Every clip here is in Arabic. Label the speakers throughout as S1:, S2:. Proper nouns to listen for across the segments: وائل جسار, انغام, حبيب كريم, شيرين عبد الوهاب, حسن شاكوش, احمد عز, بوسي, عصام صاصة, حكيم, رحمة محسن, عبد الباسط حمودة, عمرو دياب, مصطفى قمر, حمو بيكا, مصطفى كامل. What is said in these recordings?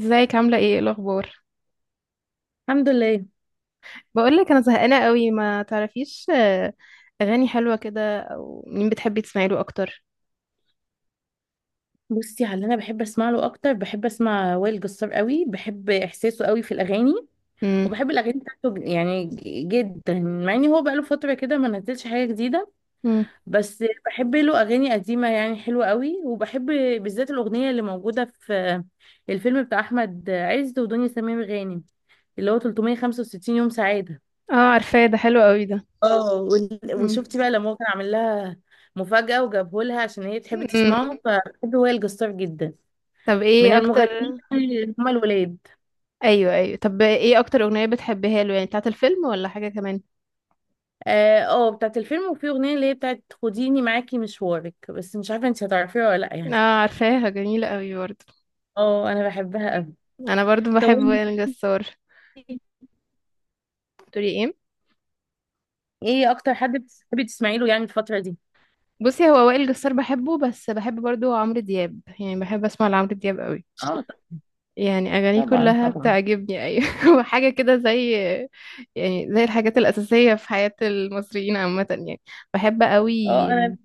S1: ازيك؟ عاملة ايه الأخبار؟
S2: الحمد لله.
S1: بقولك أنا زهقانة قوي ما تعرفيش. أغاني حلوة كده، أو مين بتحبي تسمعي له أكتر؟
S2: بصي، على اللي انا بحب اسمع له اكتر بحب اسمع وائل جسار قوي، بحب احساسه قوي في الاغاني.
S1: مم.
S2: وبحب الاغاني بتاعته يعني جدا، مع ان هو بقاله فتره كده ما نزلش حاجه جديده.
S1: مم.
S2: بس بحب له اغاني قديمه يعني حلوه قوي، وبحب بالذات الاغنيه اللي موجوده في الفيلم بتاع احمد عز ودنيا سمير غانم، اللي هو 365 يوم سعاده.
S1: اه، عارفاه، ده حلو قوي ده.
S2: اه،
S1: مم.
S2: وشفتي بقى لما هو كان عامل لها مفاجاه وجابه لها عشان هي تحب
S1: مم.
S2: تسمعه، فبحب وائل جسار جدا.
S1: طب
S2: من
S1: ايه
S2: المغنيين
S1: أكتر؟
S2: اللي هما الولاد.
S1: أيوه أيوه، طب ايه أكتر أغنية بتحبيها له؟ يعني بتاعة الفيلم ولا حاجة كمان؟
S2: اه، بتاعت الفيلم، وفي اغنيه اللي هي بتاعت خديني معاكي مشوارك، بس مش عارفه انت هتعرفيها ولا لا يعني.
S1: اه عارفاها، جميلة قوي برضه.
S2: اه انا بحبها قوي.
S1: أنا برضه
S2: طب
S1: بحب
S2: وانت،
S1: وائل جسار. تقولي ايه؟
S2: ايه اكتر حد بتحبي تسمعي له يعني الفتره دي؟
S1: بصي، هو وائل جسار بحبه، بس بحب برضه عمرو دياب، يعني بحب أسمع لعمرو دياب قوي.
S2: اه،
S1: يعني أغانيه
S2: طبعا
S1: كلها
S2: طبعا.
S1: بتعجبني، أيوة. وحاجة كده زي، يعني زي الحاجات الأساسية في حياة المصريين عامة يعني. بحب قوي.
S2: اه انا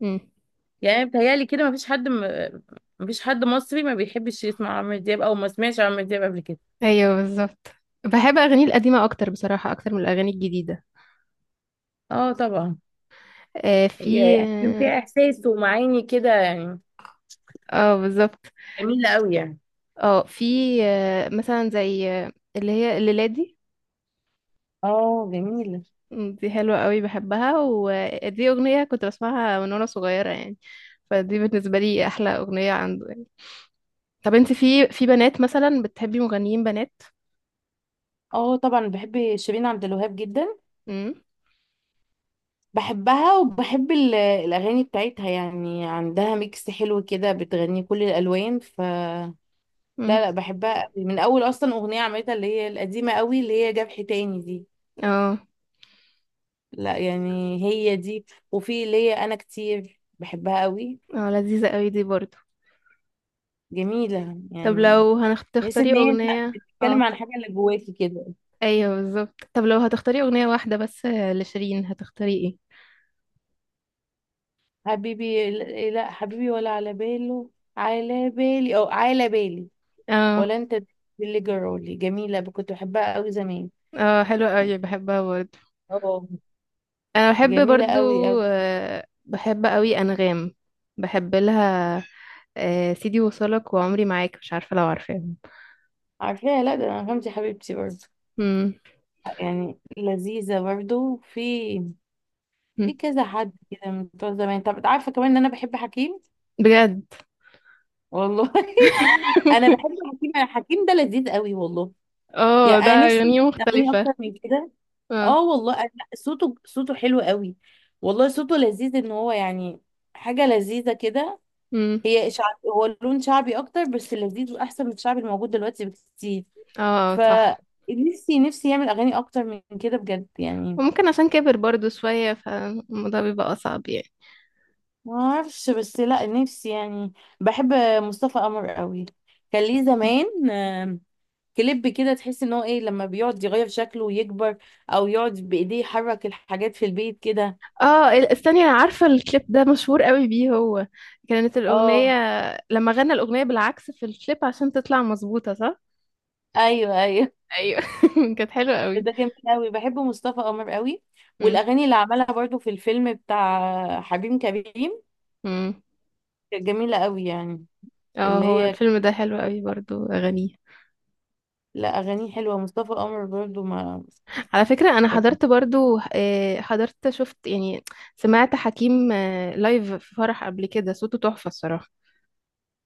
S1: مم.
S2: يعني بتهيألي كده مفيش حد مصري ما بيحبش يسمع عمرو دياب او ما سمعش عمرو دياب قبل كده.
S1: أيوة بالظبط. بحب أغانيه القديمة أكتر بصراحة، أكتر من الأغاني الجديدة.
S2: اه طبعا.
S1: آه
S2: هي
S1: في
S2: يعني كان فيها
S1: اه.
S2: احساس ومعاني كده يعني،
S1: آه، بالظبط.
S2: جميله قوي يعني.
S1: اه في، آه مثلا زي اللي هي الليلة دي.
S2: اه جميله.
S1: دي حلوة قوي بحبها، ودي أغنية كنت بسمعها من وأنا صغيرة يعني. فدي بالنسبة لي أحلى أغنية عنده. طب انت، في بنات مثلا بتحبي مغنيين بنات؟
S2: اه طبعا بحب شيرين عبد الوهاب جدا،
S1: امم.
S2: بحبها وبحب الاغاني بتاعتها، يعني عندها ميكس حلو كده، بتغني كل الالوان ف... لا
S1: امم.
S2: لا، بحبها قوي من اول اصلا اغنيه عملتها، اللي هي القديمه قوي اللي هي جبح تاني دي.
S1: اه.
S2: لا يعني هي دي. وفي اللي هي انا كتير بحبها قوي،
S1: اه، لذيذة قوي دي برضو.
S2: جميله
S1: طب
S2: يعني.
S1: لو
S2: تحس
S1: هتختاري
S2: ان هي
S1: اغنية
S2: بتتكلم
S1: اه،
S2: عن حاجه اللي جواكي كده.
S1: ايوه بالظبط، طب لو هتختاري اغنية واحدة بس لشيرين هتختاري ايه؟
S2: حبيبي، لا حبيبي، ولا على باله، على بالي او على بالي،
S1: اه.
S2: ولا انت، اللي جرالي، جميلة، كنت بحبها قوي زمان.
S1: اه، حلوة قوي بحبها برضو.
S2: اه
S1: انا بحب
S2: جميلة
S1: برضو،
S2: قوي قوي.
S1: آه، بحب قوي انغام، بحب لها آه سيدي وصلك وعمري معاك، مش عارفة لو عارفاهم.
S2: عارفاها، لا ده انا غمزة حبيبتي برضه،
S1: امم.
S2: يعني لذيذة برضه. في كذا حد كده من بتوع زمان. طب عارفة كمان ان انا بحب حكيم؟
S1: بجد؟
S2: والله، انا بحب حكيم، أنا حكيم ده لذيذ قوي والله.
S1: اه،
S2: يعني
S1: ده
S2: انا نفسي
S1: اغانيه
S2: اغنية
S1: مختلفة.
S2: اكتر من كده.
S1: اه.
S2: اه والله، لا، صوته حلو قوي، والله صوته لذيذ، ان هو يعني حاجة لذيذة كده.
S1: امم.
S2: هي شعب، هو لون شعبي اكتر، بس لذيذ واحسن من الشعبي الموجود دلوقتي بكتير.
S1: اه. اه، صح.
S2: فنفسي نفسي نفسي يعمل اغاني اكتر من كده بجد يعني.
S1: وممكن عشان كبر برضو شوية، فالموضوع بيبقى أصعب يعني.
S2: ما اعرفش، بس لا نفسي يعني. بحب مصطفى قمر قوي. كان ليه زمان كليب كده، تحس ان هو ايه لما بيقعد يغير شكله ويكبر، او يقعد بايديه يحرك الحاجات في البيت كده.
S1: اه، استني، انا عارفة الكليب ده مشهور قوي بيه هو. كانت الأغنية
S2: اه
S1: لما غنى الأغنية بالعكس في الكليب عشان تطلع مظبوطة، صح؟
S2: ايوه ايوه.
S1: ايوه. كانت حلوة قوي.
S2: ده جميل قوي، بحب مصطفى قمر قوي.
S1: مم.
S2: والاغاني اللي عملها برضو في الفيلم بتاع حبيب كريم
S1: مم.
S2: كانت جميلة قوي يعني.
S1: اه،
S2: اللي
S1: هو
S2: هي
S1: الفيلم
S2: كانت-
S1: ده حلو قوي، برضو أغانيه.
S2: لا أغانيه حلوة، مصطفى قمر برضو ما...
S1: على فكرة أنا
S2: يعني
S1: حضرت برضو، حضرت شفت يعني، سمعت حكيم لايف في فرح قبل كده، صوته تحفة الصراحة.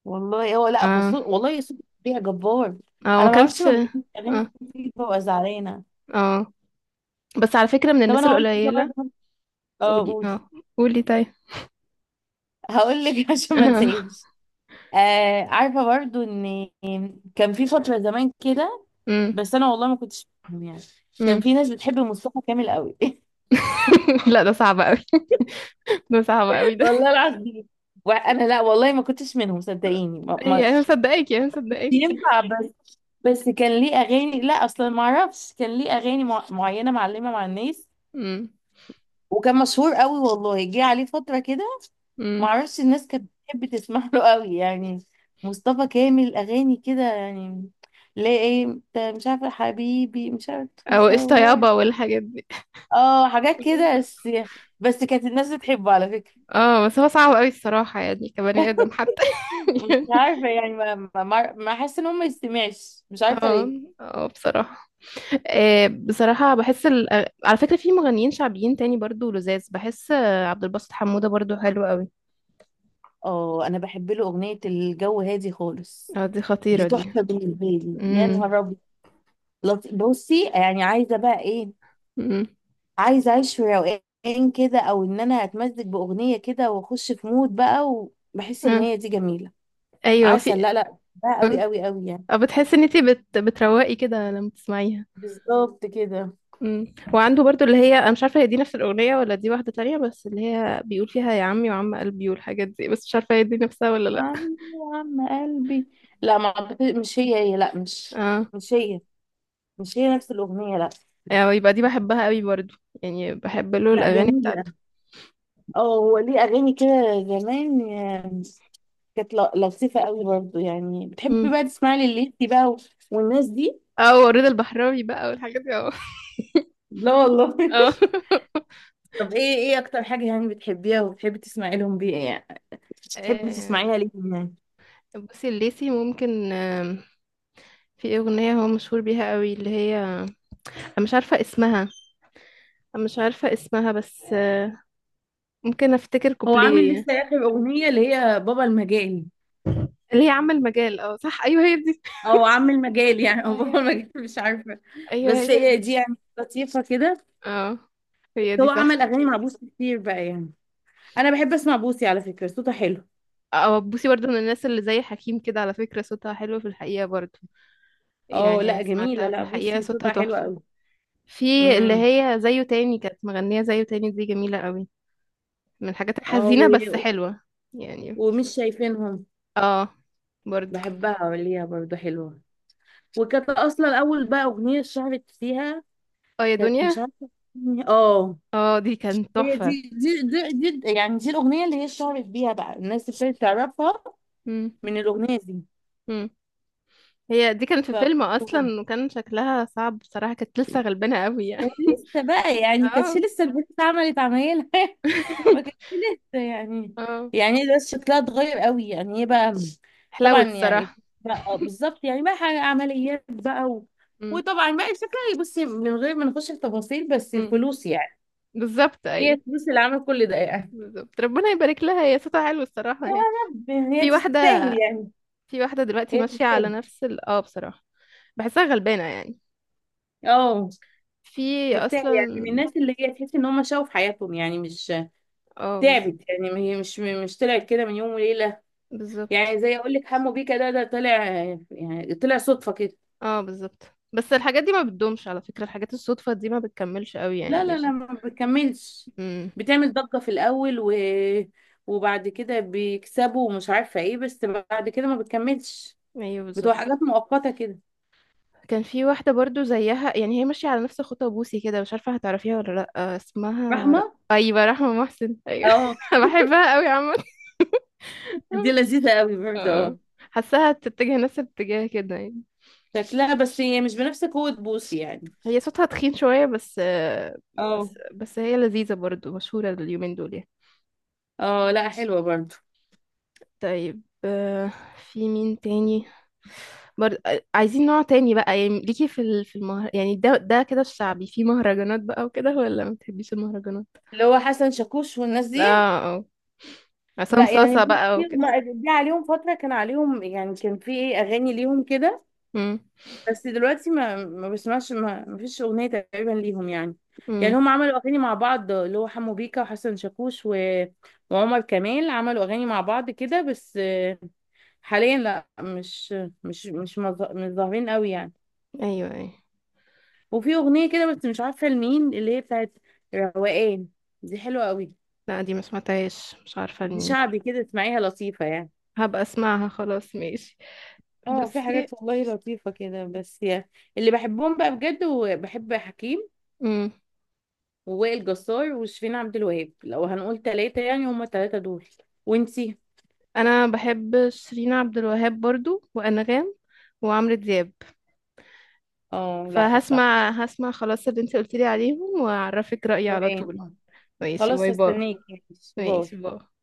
S2: والله هو، لا
S1: اه.
S2: فصول والله، صوت بيها جبار.
S1: اه، ما
S2: أنا ما اعرفش،
S1: كانش
S2: ما
S1: اه.
S2: بيحبش أغاني دي، ببقى زعلانة.
S1: اه، بس على فكرة من
S2: طب
S1: الناس
S2: أنا هقول لك حاجة
S1: القليلة.
S2: برضو. اه
S1: قولي
S2: قولي،
S1: اه. قولي طيب.
S2: هقول لك عشان ما انساهمش. آه، عارفة برضو إن كان في فترة زمان كده،
S1: امم.
S2: بس أنا والله ما كنتش فاهم يعني. كان
S1: امم.
S2: في ناس بتحب مصطفى كامل قوي.
S1: لا، ده صعب قوي، ده صعب قوي ده.
S2: والله العظيم. وأنا لا والله ما كنتش منهم، صدقيني، ما
S1: هي انا مصدقاكي، انا مصدقاكي.
S2: ينفع. بس كان ليه اغاني، لا اصلا ما اعرفش، كان ليه اغاني معينه معلمه مع الناس.
S1: امم.
S2: وكان مشهور قوي، والله جه عليه فتره كده، ما
S1: امم.
S2: اعرفش، الناس كانت بتحب تسمع له قوي يعني، مصطفى كامل، اغاني كده يعني. لا ايه، انت مش عارفه حبيبي، مش عارفه
S1: او قشطة
S2: تصور.
S1: يابا والحاجات دي.
S2: اه حاجات كده بس. بس كانت الناس بتحبه على فكره.
S1: اه، بس هو صعب قوي الصراحة، يعني كبني آدم حتى.
S2: مش
S1: يعني.
S2: عارفه يعني، ما حاسه ان هو ما يستمعش، مش عارفه
S1: اه.
S2: ليه.
S1: اه بصراحة. آه بصراحة، بحس على فكرة في مغنيين شعبيين تاني برضو لذاذ، بحس عبد الباسط حمودة برضو حلو قوي.
S2: اه انا بحب له اغنيه الجو هادي خالص.
S1: اه، دي
S2: دي
S1: خطيرة دي.
S2: تحفة بالنسبة لي، يا
S1: امم.
S2: نهار أبيض. بصي، يعني عايزة بقى إيه؟
S1: امم.
S2: عايزة أعيش في روقان كده، أو إن أنا أتمزج بأغنية كده وأخش في مود بقى، وبحس إن
S1: آه.
S2: هي دي جميلة.
S1: ايوه
S2: عسل،
S1: في.
S2: لا لا بقى،
S1: مم.
S2: أوي أوي أوي يعني.
S1: أو بتحسي ان انتي بتروقي كده لما تسمعيها؟
S2: بالظبط كده.
S1: مم. وعنده برضو، اللي هي انا مش عارفه هي دي نفس الاغنيه ولا دي واحده تانية، بس اللي هي بيقول فيها يا عمي وعم قلبي والحاجات دي، بس مش عارفه هي دي نفسها ولا لا.
S2: عم عم قلبي. لا ما مش هي، لا، مش
S1: اه.
S2: مش هي، مش هي نفس الأغنية، لا.
S1: يعني يبقى دي بحبها قوي برضو، يعني بحب له
S2: لا
S1: الاغاني
S2: جميلة.
S1: بتاعته.
S2: اه هو ليه أغاني كده زمان، كانت لطيفة قوي برضو. يعني بتحبي
S1: امم.
S2: بقى تسمعي لليسي بقى والناس دي؟
S1: اه، ورضا البحراوي بقى والحاجات دي، اه.
S2: لا والله.
S1: اه.
S2: طب ايه اكتر حاجة يعني بتحبيها وبتحبي تسمعي لهم بيها يعني، بتحبي
S1: آه،
S2: تسمعيها ليه يعني؟
S1: بصي الليسي ممكن، في اغنيه هو مشهور بيها قوي اللي هي، انا مش عارفه اسمها انا مش عارفه اسمها بس ممكن افتكر
S2: هو عامل
S1: كوبليه.
S2: لسه اخر اغنية اللي هي بابا المجال،
S1: اللي هي عامة المجال، اه صح، ايوه هي دي.
S2: او عامل مجال يعني،
S1: ايوه
S2: او بابا
S1: هي
S2: المجال مش عارفة.
S1: ايوه
S2: بس
S1: هي
S2: هي
S1: دي.
S2: دي يعني لطيفة كده.
S1: اه.
S2: بس
S1: هي دي،
S2: هو عمل
S1: صح.
S2: اغاني مع بوسي كتير بقى يعني. انا بحب اسمع بوسي، على فكرة صوتها حلو.
S1: اه، بوسي برضه من الناس اللي زي حكيم كده، على فكرة صوتها حلو في الحقيقة برضه.
S2: اه
S1: يعني أنا
S2: لا جميلة،
S1: سمعتها في
S2: لا
S1: الحقيقة،
S2: بوسي
S1: صوتها
S2: صوتها حلو
S1: تحفة.
S2: قوي.
S1: في اللي
S2: امم.
S1: هي زيه تاني، كانت مغنية زيه تاني، دي جميلة قوي، من الحاجات
S2: اه
S1: الحزينة بس حلوة يعني.
S2: ومش شايفينهم،
S1: اه. برضه.
S2: بحبها ليها برضه حلوة. وكانت أصلا أول بقى أغنية اشتهرت فيها
S1: اه يا
S2: كانت،
S1: دنيا،
S2: مش عارفة. اه
S1: اه دي كانت
S2: هي
S1: تحفة.
S2: دي يعني دي الأغنية اللي هي اشتهرت بيها بقى، الناس ابتدت تعرفها
S1: مم.
S2: من الأغنية دي.
S1: مم. هي دي كانت في
S2: ف
S1: فيلم اصلا، وكان شكلها صعب بصراحة، كانت لسه غلبانة قوي يعني.
S2: كانت لسه بقى، يعني كانت
S1: اه.
S2: لسه البنت عملت عمايلها، ما كانش لسه يعني.
S1: اه،
S2: يعني ده شكلها اتغير قوي يعني، ايه بقى؟
S1: حلاوة
S2: طبعا يعني،
S1: الصراحة.
S2: بقى بالظبط يعني، بقى حاجة عمليات بقى
S1: امم.
S2: وطبعا بقى شكلها، بصي من غير ما نخش في تفاصيل، بس
S1: امم.
S2: الفلوس يعني.
S1: بالظبط
S2: هي
S1: ايوه.
S2: الفلوس اللي عملت كل ده يعني.
S1: بالظبط، ربنا يبارك لها، هي صوتها حلو الصراحة
S2: يا
S1: يعني.
S2: رب هي
S1: في واحدة
S2: تستاهل يعني،
S1: في واحدة دلوقتي
S2: هي
S1: ماشية على
S2: تستاهل.
S1: نفس ال، اه بصراحة بحسها غلبانة يعني.
S2: اه
S1: في
S2: تستاهل يعني،
S1: اصلا.
S2: من الناس اللي هي تحس ان هم شافوا في حياتهم يعني، مش
S1: اه بالظبط.
S2: تعبت يعني، هي مش طلعت كده من يوم وليلة.
S1: بالظبط.
S2: يعني زي اقول لك، حمو بيكا ده طلع، يعني طلع صدفة كده.
S1: اه بالظبط، بس الحاجات دي ما بتدومش على فكرة، الحاجات الصدفة دي ما بتكملش قوي
S2: لا
S1: يعني
S2: لا
S1: مش.
S2: لا، ما بتكملش،
S1: امم.
S2: بتعمل ضجة في الأول وبعد كده بيكسبوا ومش عارفة ايه، بس بعد كده ما بتكملش،
S1: ايوه
S2: بتبقى
S1: بالظبط.
S2: حاجات مؤقتة كده.
S1: كان في واحدة برضو زيها يعني، هي ماشية على نفس خطى بوسي كده، مش عارفة هتعرفيها ولا لأ، اسمها
S2: فاهمة؟
S1: أيوة رحمة محسن، أيوة.
S2: اه
S1: بحبها قوي عامة.
S2: دي لذيذة قوي برضه.
S1: اه،
S2: اه
S1: حاساها تتجه نفس الاتجاه كده يعني.
S2: شكلها، بس هي مش بنفس قوة بوسي يعني.
S1: هي صوتها تخين شوية بس
S2: اه
S1: بس هي لذيذة برضو، مشهورة اليومين دول يعني.
S2: اه لا، حلوة برضه.
S1: طيب، في مين تاني برضه؟ عايزين نوع تاني بقى، يعني ليكي في المهر يعني، ده كده الشعبي، في مهرجانات بقى وكده، ولا ما بتحبيش المهرجانات؟
S2: اللي هو حسن شاكوش والناس دي.
S1: اه. اه. عصام
S2: لا يعني
S1: صاصة بقى
S2: بصي،
S1: وكده.
S2: هما جه عليهم فترة كان عليهم يعني، كان في ايه أغاني ليهم كده،
S1: امم.
S2: بس دلوقتي ما بسمعش، ما فيش اغنيه تقريبا ليهم يعني. يعني
S1: امم.
S2: هم عملوا اغاني مع بعض، اللي هو حمو بيكا وحسن شاكوش وعمر كمال، عملوا اغاني مع بعض كده، بس حاليا لا، مش ظاهرين قوي يعني.
S1: ايوه ايوه.
S2: وفي اغنيه كده، بس مش عارفه لمين، اللي هي بتاعت روقان، دي حلوه قوي.
S1: لا، دي ما سمعتهاش، مش عارفة
S2: دي
S1: لمين.
S2: شعبي كده، اسمعيها لطيفه يعني.
S1: هبقى اسمعها خلاص، ماشي.
S2: اه في
S1: بصي.
S2: حاجات والله لطيفه كده، بس يعني. اللي بحبهم بقى بجد، وبحب حكيم
S1: امم.
S2: ووائل جسار وشيرين عبد الوهاب، لو هنقول ثلاثة يعني، هما الثلاثة دول. وانتي؟
S1: انا بحب شيرين عبد الوهاب برضو، وانغام، وعمرو دياب.
S2: اه لا صح.
S1: فهسمع، هسمع خلاص اللي انت قلتيلي عليهم، واعرفك رأيي على
S2: روقان.
S1: طول. ماشي،
S2: خلاص
S1: باي باي.
S2: هستناكي ماشي. باي.
S1: ماشي، باي.